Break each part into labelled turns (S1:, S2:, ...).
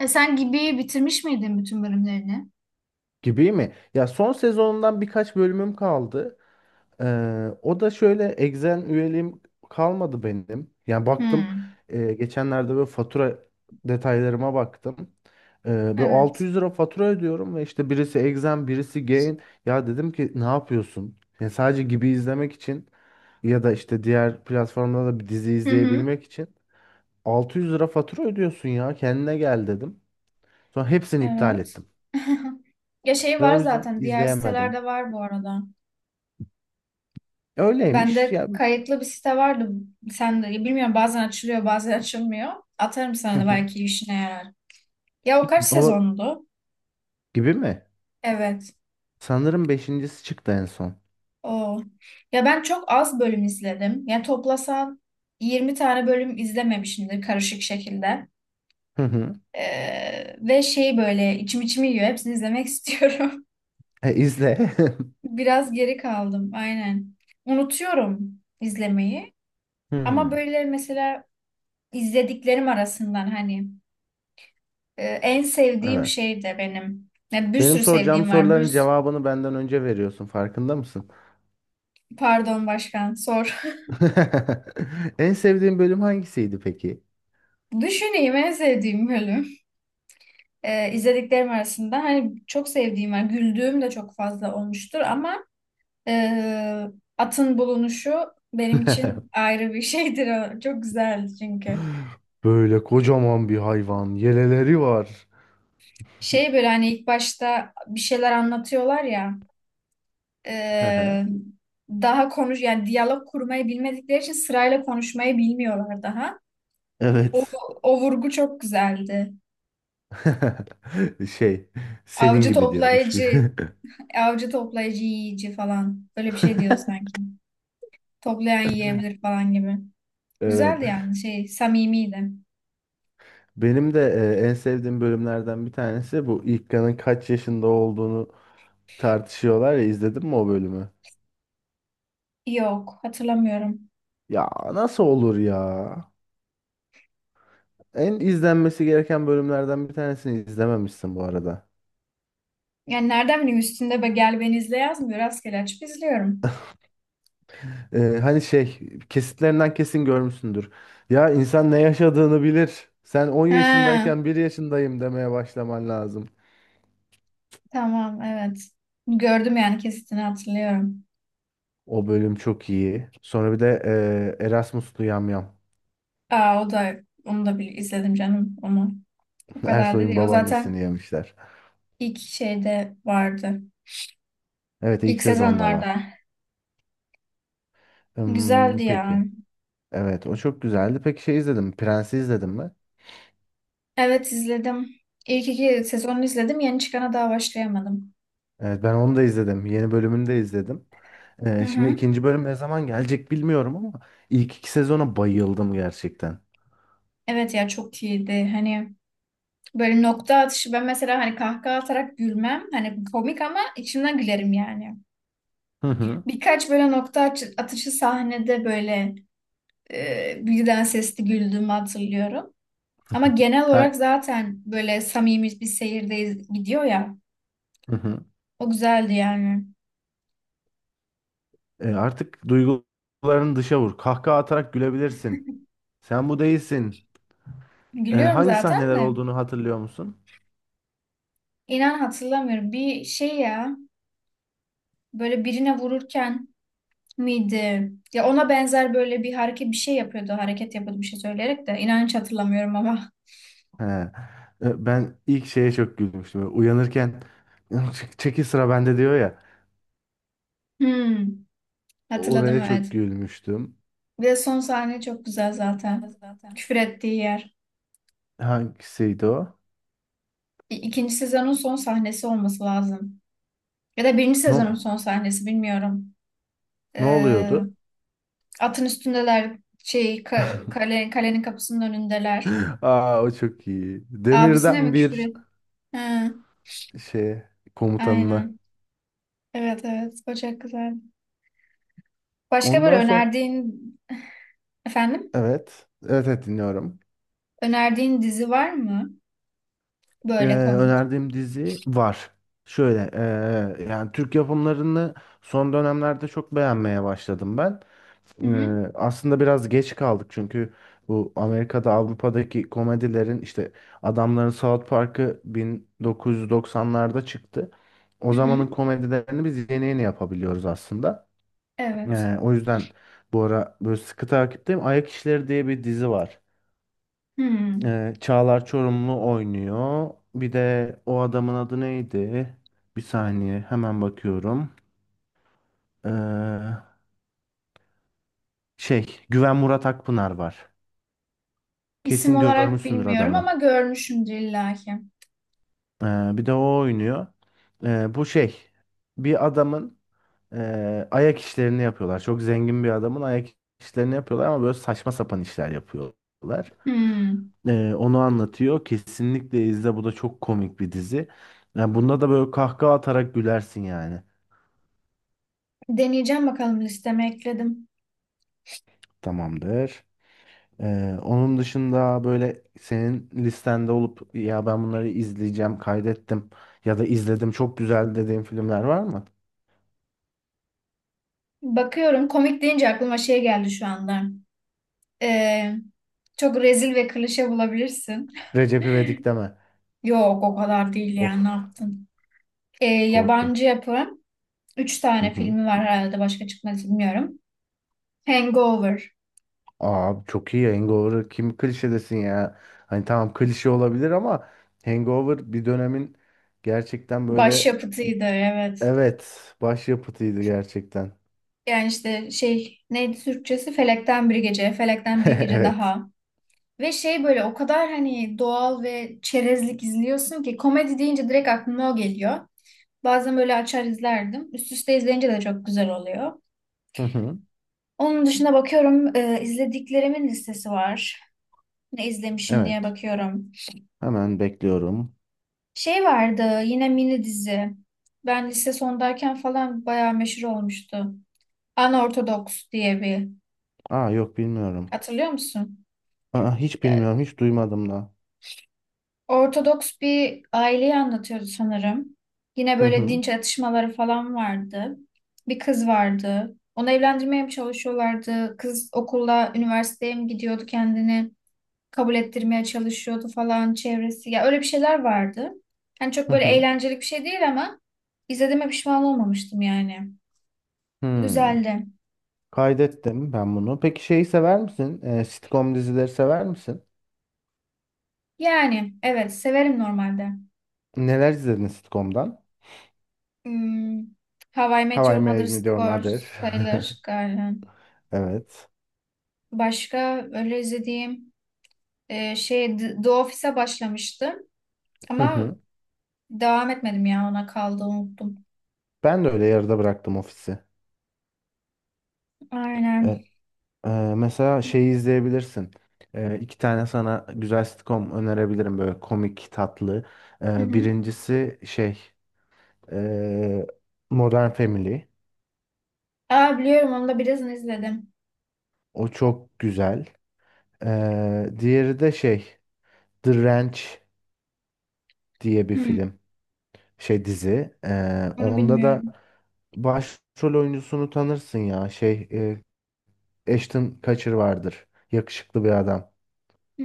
S1: E sen gibi bitirmiş miydin bütün bölümlerini?
S2: Gibi mi? Ya son sezonundan birkaç bölümüm kaldı. O da şöyle, Exen üyeliğim kalmadı benim. Yani baktım,
S1: Hmm,
S2: geçenlerde böyle fatura detaylarıma baktım. Böyle
S1: evet.
S2: 600 lira fatura ödüyorum ve işte birisi Exen birisi Gain. Ya dedim ki ne yapıyorsun? Yani sadece gibi izlemek için ya da işte diğer platformda da bir dizi
S1: Hı hı,
S2: izleyebilmek için 600 lira fatura ödüyorsun ya kendine gel dedim. Sonra hepsini iptal
S1: evet.
S2: ettim.
S1: Ya şey
S2: Ve
S1: var
S2: o yüzden
S1: zaten, diğer
S2: izleyemedim.
S1: sitelerde var bu arada.
S2: Öyleymiş
S1: Bende
S2: ya.
S1: kayıtlı bir site vardı. Sen de bilmiyorum, bazen açılıyor bazen açılmıyor. Atarım
S2: Hı
S1: sana da,
S2: hı.
S1: belki işine yarar. Ya o kaç
S2: O
S1: sezondu?
S2: gibi mi?
S1: Evet.
S2: Sanırım beşincisi çıktı en son.
S1: O. Ya ben çok az bölüm izledim. Ya toplasan 20 tane bölüm izlememişimdir karışık şekilde.
S2: Hı hı.
S1: Ve şey böyle içim içimi yiyor. Hepsini izlemek istiyorum.
S2: E, izle.
S1: Biraz geri kaldım aynen. Unutuyorum izlemeyi, ama
S2: Hmm.
S1: böyle mesela izlediklerim arasından hani en sevdiğim
S2: Evet.
S1: şey de benim. Ya bir
S2: Benim
S1: sürü
S2: soracağım
S1: sevdiğim var.
S2: soruların cevabını benden önce veriyorsun. Farkında mısın?
S1: Pardon başkan, sor.
S2: En sevdiğin bölüm hangisiydi peki?
S1: Düşüneyim en sevdiğim bölüm. İzlediklerim arasında hani çok sevdiğim var. Güldüğüm de çok fazla olmuştur ama e, atın bulunuşu benim için ayrı bir şeydir. O çok güzeldi çünkü.
S2: Böyle kocaman bir hayvan. Yeleleri var.
S1: Şey böyle hani ilk başta bir şeyler anlatıyorlar ya, e, daha konuş, yani diyalog kurmayı bilmedikleri için sırayla konuşmayı bilmiyorlar daha. O,
S2: Evet.
S1: o vurgu çok güzeldi.
S2: Şey, senin
S1: Avcı
S2: gibi diyormuş.
S1: toplayıcı, avcı toplayıcı yiyici falan. Öyle bir şey diyor sanki. Toplayan yiyebilir falan gibi.
S2: Evet.
S1: Güzeldi yani, şey, samimiydi.
S2: Benim de en sevdiğim bölümlerden bir tanesi bu İlkan'ın kaç yaşında olduğunu tartışıyorlar ya, izledin mi o bölümü?
S1: Yok, hatırlamıyorum.
S2: Ya nasıl olur ya? En izlenmesi gereken bölümlerden bir tanesini izlememişsin bu arada.
S1: Yani nereden bileyim, üstünde be gel beni izle yazmıyor. Rastgele açıp izliyorum.
S2: E, hani şey kesitlerinden kesin görmüşsündür. Ya insan ne yaşadığını bilir. Sen 10
S1: Ha.
S2: yaşındayken bir yaşındayım demeye başlaman lazım.
S1: Tamam, evet. Gördüm yani, kesitini hatırlıyorum.
S2: O bölüm çok iyi. Sonra bir de Erasmus'lu yamyam.
S1: Aa o da, onu da bir izledim canım onu. O kadar da
S2: Ersoy'un
S1: değil. O zaten
S2: babaannesini yemişler.
S1: ilk şeyde vardı.
S2: Evet, ilk
S1: İlk
S2: sezonda var.
S1: sezonlarda.
S2: Hmm,
S1: Güzeldi ya.
S2: peki. Evet, o çok güzeldi. Peki şey izledim, Prens'i izledim mi?
S1: Evet, izledim. İlk iki sezonu izledim. Yeni çıkana daha başlayamadım.
S2: Evet, ben onu da izledim. Yeni bölümünü de izledim.
S1: Hı
S2: Şimdi
S1: hı.
S2: ikinci bölüm ne zaman gelecek bilmiyorum ama ilk iki sezona bayıldım gerçekten.
S1: Evet ya, çok iyiydi. Hani böyle nokta atışı, ben mesela hani kahkaha atarak gülmem. Hani komik ama içimden gülerim yani.
S2: Hı hı.
S1: Birkaç böyle atışı sahnede böyle birden sesli güldüğümü hatırlıyorum. Ama genel
S2: Ha,
S1: olarak zaten böyle samimi bir seyirdeyiz, gidiyor ya.
S2: hı hı.
S1: O güzeldi yani.
S2: Artık duygularını dışa vur. Kahkaha atarak gülebilirsin. Sen bu değilsin.
S1: Gülüyorum
S2: Hangi
S1: zaten
S2: sahneler
S1: de.
S2: olduğunu hatırlıyor musun?
S1: İnan hatırlamıyorum. Bir şey ya, böyle birine vururken miydi? Ya ona benzer böyle bir hareket, bir şey yapıyordu. Hareket yapıyordu bir şey söyleyerek de. İnan hiç hatırlamıyorum ama.
S2: He. Ben ilk şeye çok gülmüştüm. Uyanırken, "Çek- çekil sıra bende" diyor ya.
S1: Hmm, hatırladım
S2: Oraya çok
S1: evet.
S2: gülmüştüm.
S1: Bir de son sahne çok güzel zaten. Küfür ettiği yer.
S2: Hangisiydi o?
S1: İkinci sezonun son sahnesi olması lazım. Ya da birinci sezonun
S2: No,
S1: son sahnesi, bilmiyorum.
S2: ne
S1: Ee,
S2: oluyordu?
S1: Atın üstündeler, şey kale, kalenin kapısının önündeler.
S2: Aa, o çok iyi.
S1: Abisine
S2: Demirden
S1: mi küfür
S2: bir
S1: et? Ha,
S2: şey, komutanına.
S1: aynen. Evet evet, o çok güzel. Başka böyle
S2: Ondan sonra
S1: önerdiğin, efendim,
S2: evet. Evet evet, dinliyorum.
S1: önerdiğin dizi var mı? Böyle komik.
S2: Önerdiğim dizi var. Şöyle yani Türk yapımlarını son dönemlerde çok beğenmeye başladım ben.
S1: Hı hı.
S2: Aslında biraz geç kaldık çünkü bu Amerika'da Avrupa'daki komedilerin, işte adamların South Park'ı 1990'larda çıktı. O
S1: Hı
S2: zamanın
S1: hı.
S2: komedilerini biz yeni yeni yapabiliyoruz aslında.
S1: Evet.
S2: O yüzden bu ara böyle sıkı takipteyim. Ayak İşleri diye bir dizi var.
S1: Hmm.
S2: Çağlar Çorumlu oynuyor. Bir de o adamın adı neydi? Bir saniye, hemen bakıyorum. Ee, Şey, Güven Murat Akpınar var.
S1: İsim
S2: Kesin
S1: olarak
S2: görmüşsündür
S1: bilmiyorum ama
S2: adamı.
S1: görmüşümdür illaki.
S2: Ee, Bir de o oynuyor. Bu şey, bir adamın, ayak işlerini yapıyorlar. Çok zengin bir adamın ayak işlerini yapıyorlar ama böyle saçma sapan işler yapıyorlar.
S1: Hmm.
S2: Onu anlatıyor. Kesinlikle izle, bu da çok komik bir dizi. Yani bunda da böyle kahkaha atarak gülersin yani.
S1: Deneyeceğim, bakalım listeme ekledim.
S2: Tamamdır. Onun dışında böyle senin listende olup ya ben bunları izleyeceğim, kaydettim ya da izledim çok güzel dediğin filmler var mı?
S1: Bakıyorum, komik deyince aklıma şey geldi şu anda. Ee, Çok rezil ve klişe bulabilirsin.
S2: Recep İvedik deme.
S1: Yok o kadar değil,
S2: Of,
S1: yani ne yaptın?
S2: korktum.
S1: Yabancı yapım. Üç
S2: Hı
S1: tane
S2: hı.
S1: filmi var herhalde, başka çıkmadı bilmiyorum. Hangover.
S2: Abi çok iyi Hangover. Kim klişe desin ya? Hani tamam klişe olabilir ama Hangover bir dönemin gerçekten böyle,
S1: Başyapıtıydı evet.
S2: evet, başyapıtıydı gerçekten.
S1: Yani işte şey neydi Türkçesi? Felekten Bir Gece. Felekten Bir Gece
S2: Evet.
S1: daha. Ve şey böyle o kadar hani doğal ve çerezlik izliyorsun ki komedi deyince direkt aklıma o geliyor. Bazen böyle açar izlerdim. Üst üste izleyince de çok güzel oluyor.
S2: Hı hı.
S1: Onun dışında bakıyorum, izlediklerimin listesi var. Ne izlemişim diye
S2: Evet.
S1: bakıyorum.
S2: Hemen bekliyorum.
S1: Şey vardı yine, mini dizi. Ben lise sondayken falan bayağı meşhur olmuştu. Unorthodox diye bir.
S2: Aa, yok bilmiyorum.
S1: Hatırlıyor musun?
S2: Aa, hiç bilmiyorum, hiç duymadım da.
S1: Ortodoks bir aileyi anlatıyordu sanırım. Yine
S2: Hı
S1: böyle
S2: hı.
S1: dinç atışmaları falan vardı. Bir kız vardı. Onu evlendirmeye mi çalışıyorlardı? Kız okula, üniversiteye mi gidiyordu kendini? Kabul ettirmeye çalışıyordu falan çevresi. Ya öyle bir şeyler vardı. Yani çok
S2: Hı
S1: böyle
S2: hı.
S1: eğlenceli bir şey değil ama izlediğime pişman olmamıştım yani.
S2: Hmm.
S1: Güzeldi.
S2: Kaydettim ben bunu. Peki şeyi sever misin? Sitcom dizileri sever misin?
S1: Yani evet, severim normalde.
S2: Neler izledin sitcom'dan?
S1: Hmm, How I Met
S2: How I
S1: Your Mother's
S2: Met Your
S1: Girl
S2: Mother.
S1: sayılır galiba.
S2: Evet.
S1: Başka öyle izlediğim, şey, The Office'e başlamıştım
S2: Hı
S1: ama
S2: hı.
S1: devam etmedim, ya ona kaldı unuttum.
S2: Ben de öyle yarıda bıraktım ofisi. E,
S1: Aynen.
S2: e, Mesela şeyi izleyebilirsin. E, iki tane sana güzel sitcom önerebilirim, böyle komik, tatlı.
S1: Hı
S2: E,
S1: hı.
S2: birincisi şey, e, Modern Family.
S1: Aa biliyorum, onu da birazını izledim.
S2: O çok güzel. Diğeri de şey, The Ranch diye bir
S1: Hı,
S2: film. Şey, dizi.
S1: onu
S2: Onda da
S1: bilmiyorum.
S2: başrol oyuncusunu tanırsın ya. Şey, Ashton Kutcher vardır. Yakışıklı bir adam.
S1: Hı.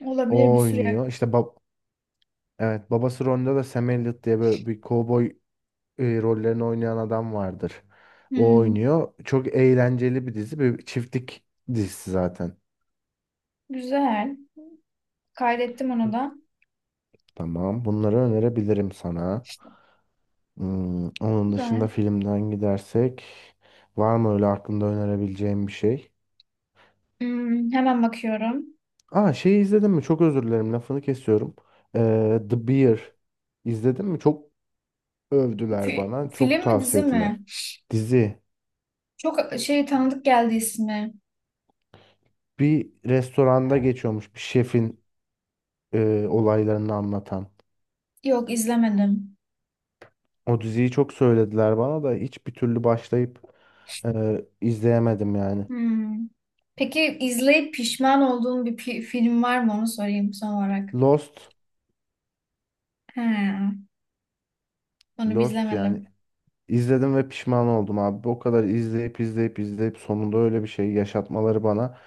S1: Olabilir
S2: O
S1: bir süre.
S2: oynuyor. İşte bab- evet, babası rolünde de Sam Elliott diye böyle bir kovboy, rollerini oynayan adam vardır. O
S1: Hı.
S2: oynuyor. Çok eğlenceli bir dizi. Bir çiftlik dizisi zaten.
S1: Güzel. Kaydettim onu da.
S2: Tamam. Bunları önerebilirim sana. Hmm, onun dışında
S1: Güzel.
S2: filmden gidersek var mı öyle aklında önerebileceğim bir şey?
S1: Hı, hemen bakıyorum.
S2: Aa, şeyi izledin mi? Çok özür dilerim, lafını kesiyorum. The Bear izledin mi? Çok övdüler bana. Çok
S1: Film mi dizi
S2: tavsiye
S1: mi?
S2: ettiler. Dizi,
S1: Çok şey tanıdık geldi ismi.
S2: bir restoranda geçiyormuş, bir şefin olaylarını anlatan.
S1: Yok, izlemedim.
S2: O diziyi çok söylediler bana da hiçbir türlü başlayıp izleyemedim yani.
S1: Hmm. Peki izleyip pişman olduğun bir film var mı, onu sorayım son olarak.
S2: Lost.
S1: He, onu biz
S2: Lost
S1: izlemedim.
S2: yani, İzledim ve pişman oldum abi. O kadar izleyip izleyip izleyip sonunda öyle bir şey yaşatmaları bana,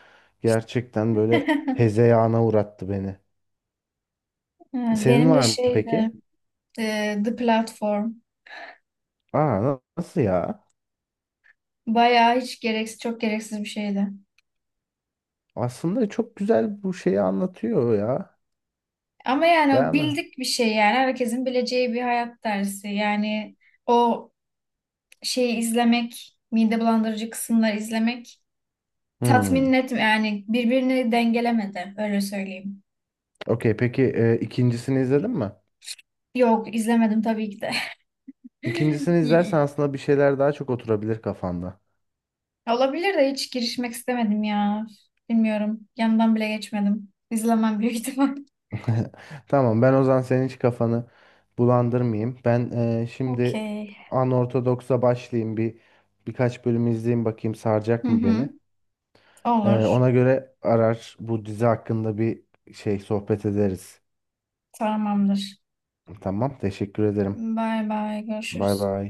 S2: gerçekten böyle hezeyana uğrattı beni.
S1: Evet,
S2: Senin
S1: benim de
S2: var mı
S1: şeydi,
S2: peki?
S1: The Platform.
S2: Aa, na- nasıl ya?
S1: Bayağı hiç gereksiz, çok gereksiz bir şeydi.
S2: Aslında çok güzel, bu şeyi anlatıyor ya.
S1: Ama yani o
S2: Beğenme.
S1: bildik bir şey, yani herkesin bileceği bir hayat dersi. Yani o şeyi izlemek, mide bulandırıcı kısımları izlemek tatmin
S2: Hmm.
S1: etmiyor. Yani birbirini dengelemedi, öyle söyleyeyim.
S2: Okey, peki ikincisini izledin mi?
S1: Yok izlemedim tabii ki de.
S2: İkincisini izlersen aslında bir şeyler daha çok oturabilir kafanda.
S1: Olabilir de hiç girişmek istemedim ya. Bilmiyorum. Yanından bile geçmedim. İzlemem büyük ihtimal.
S2: Tamam, ben o zaman senin hiç kafanı bulandırmayayım. Ben şimdi
S1: Okey.
S2: anortodoksa başlayayım, bir birkaç bölüm izleyeyim bakayım
S1: Hı
S2: saracak mı
S1: hı.
S2: beni.
S1: Olur.
S2: Ona göre arar bu dizi hakkında bir şey sohbet ederiz.
S1: Tamamdır.
S2: Tamam, teşekkür ederim.
S1: Bay bay.
S2: Bay
S1: Görüşürüz.
S2: bay.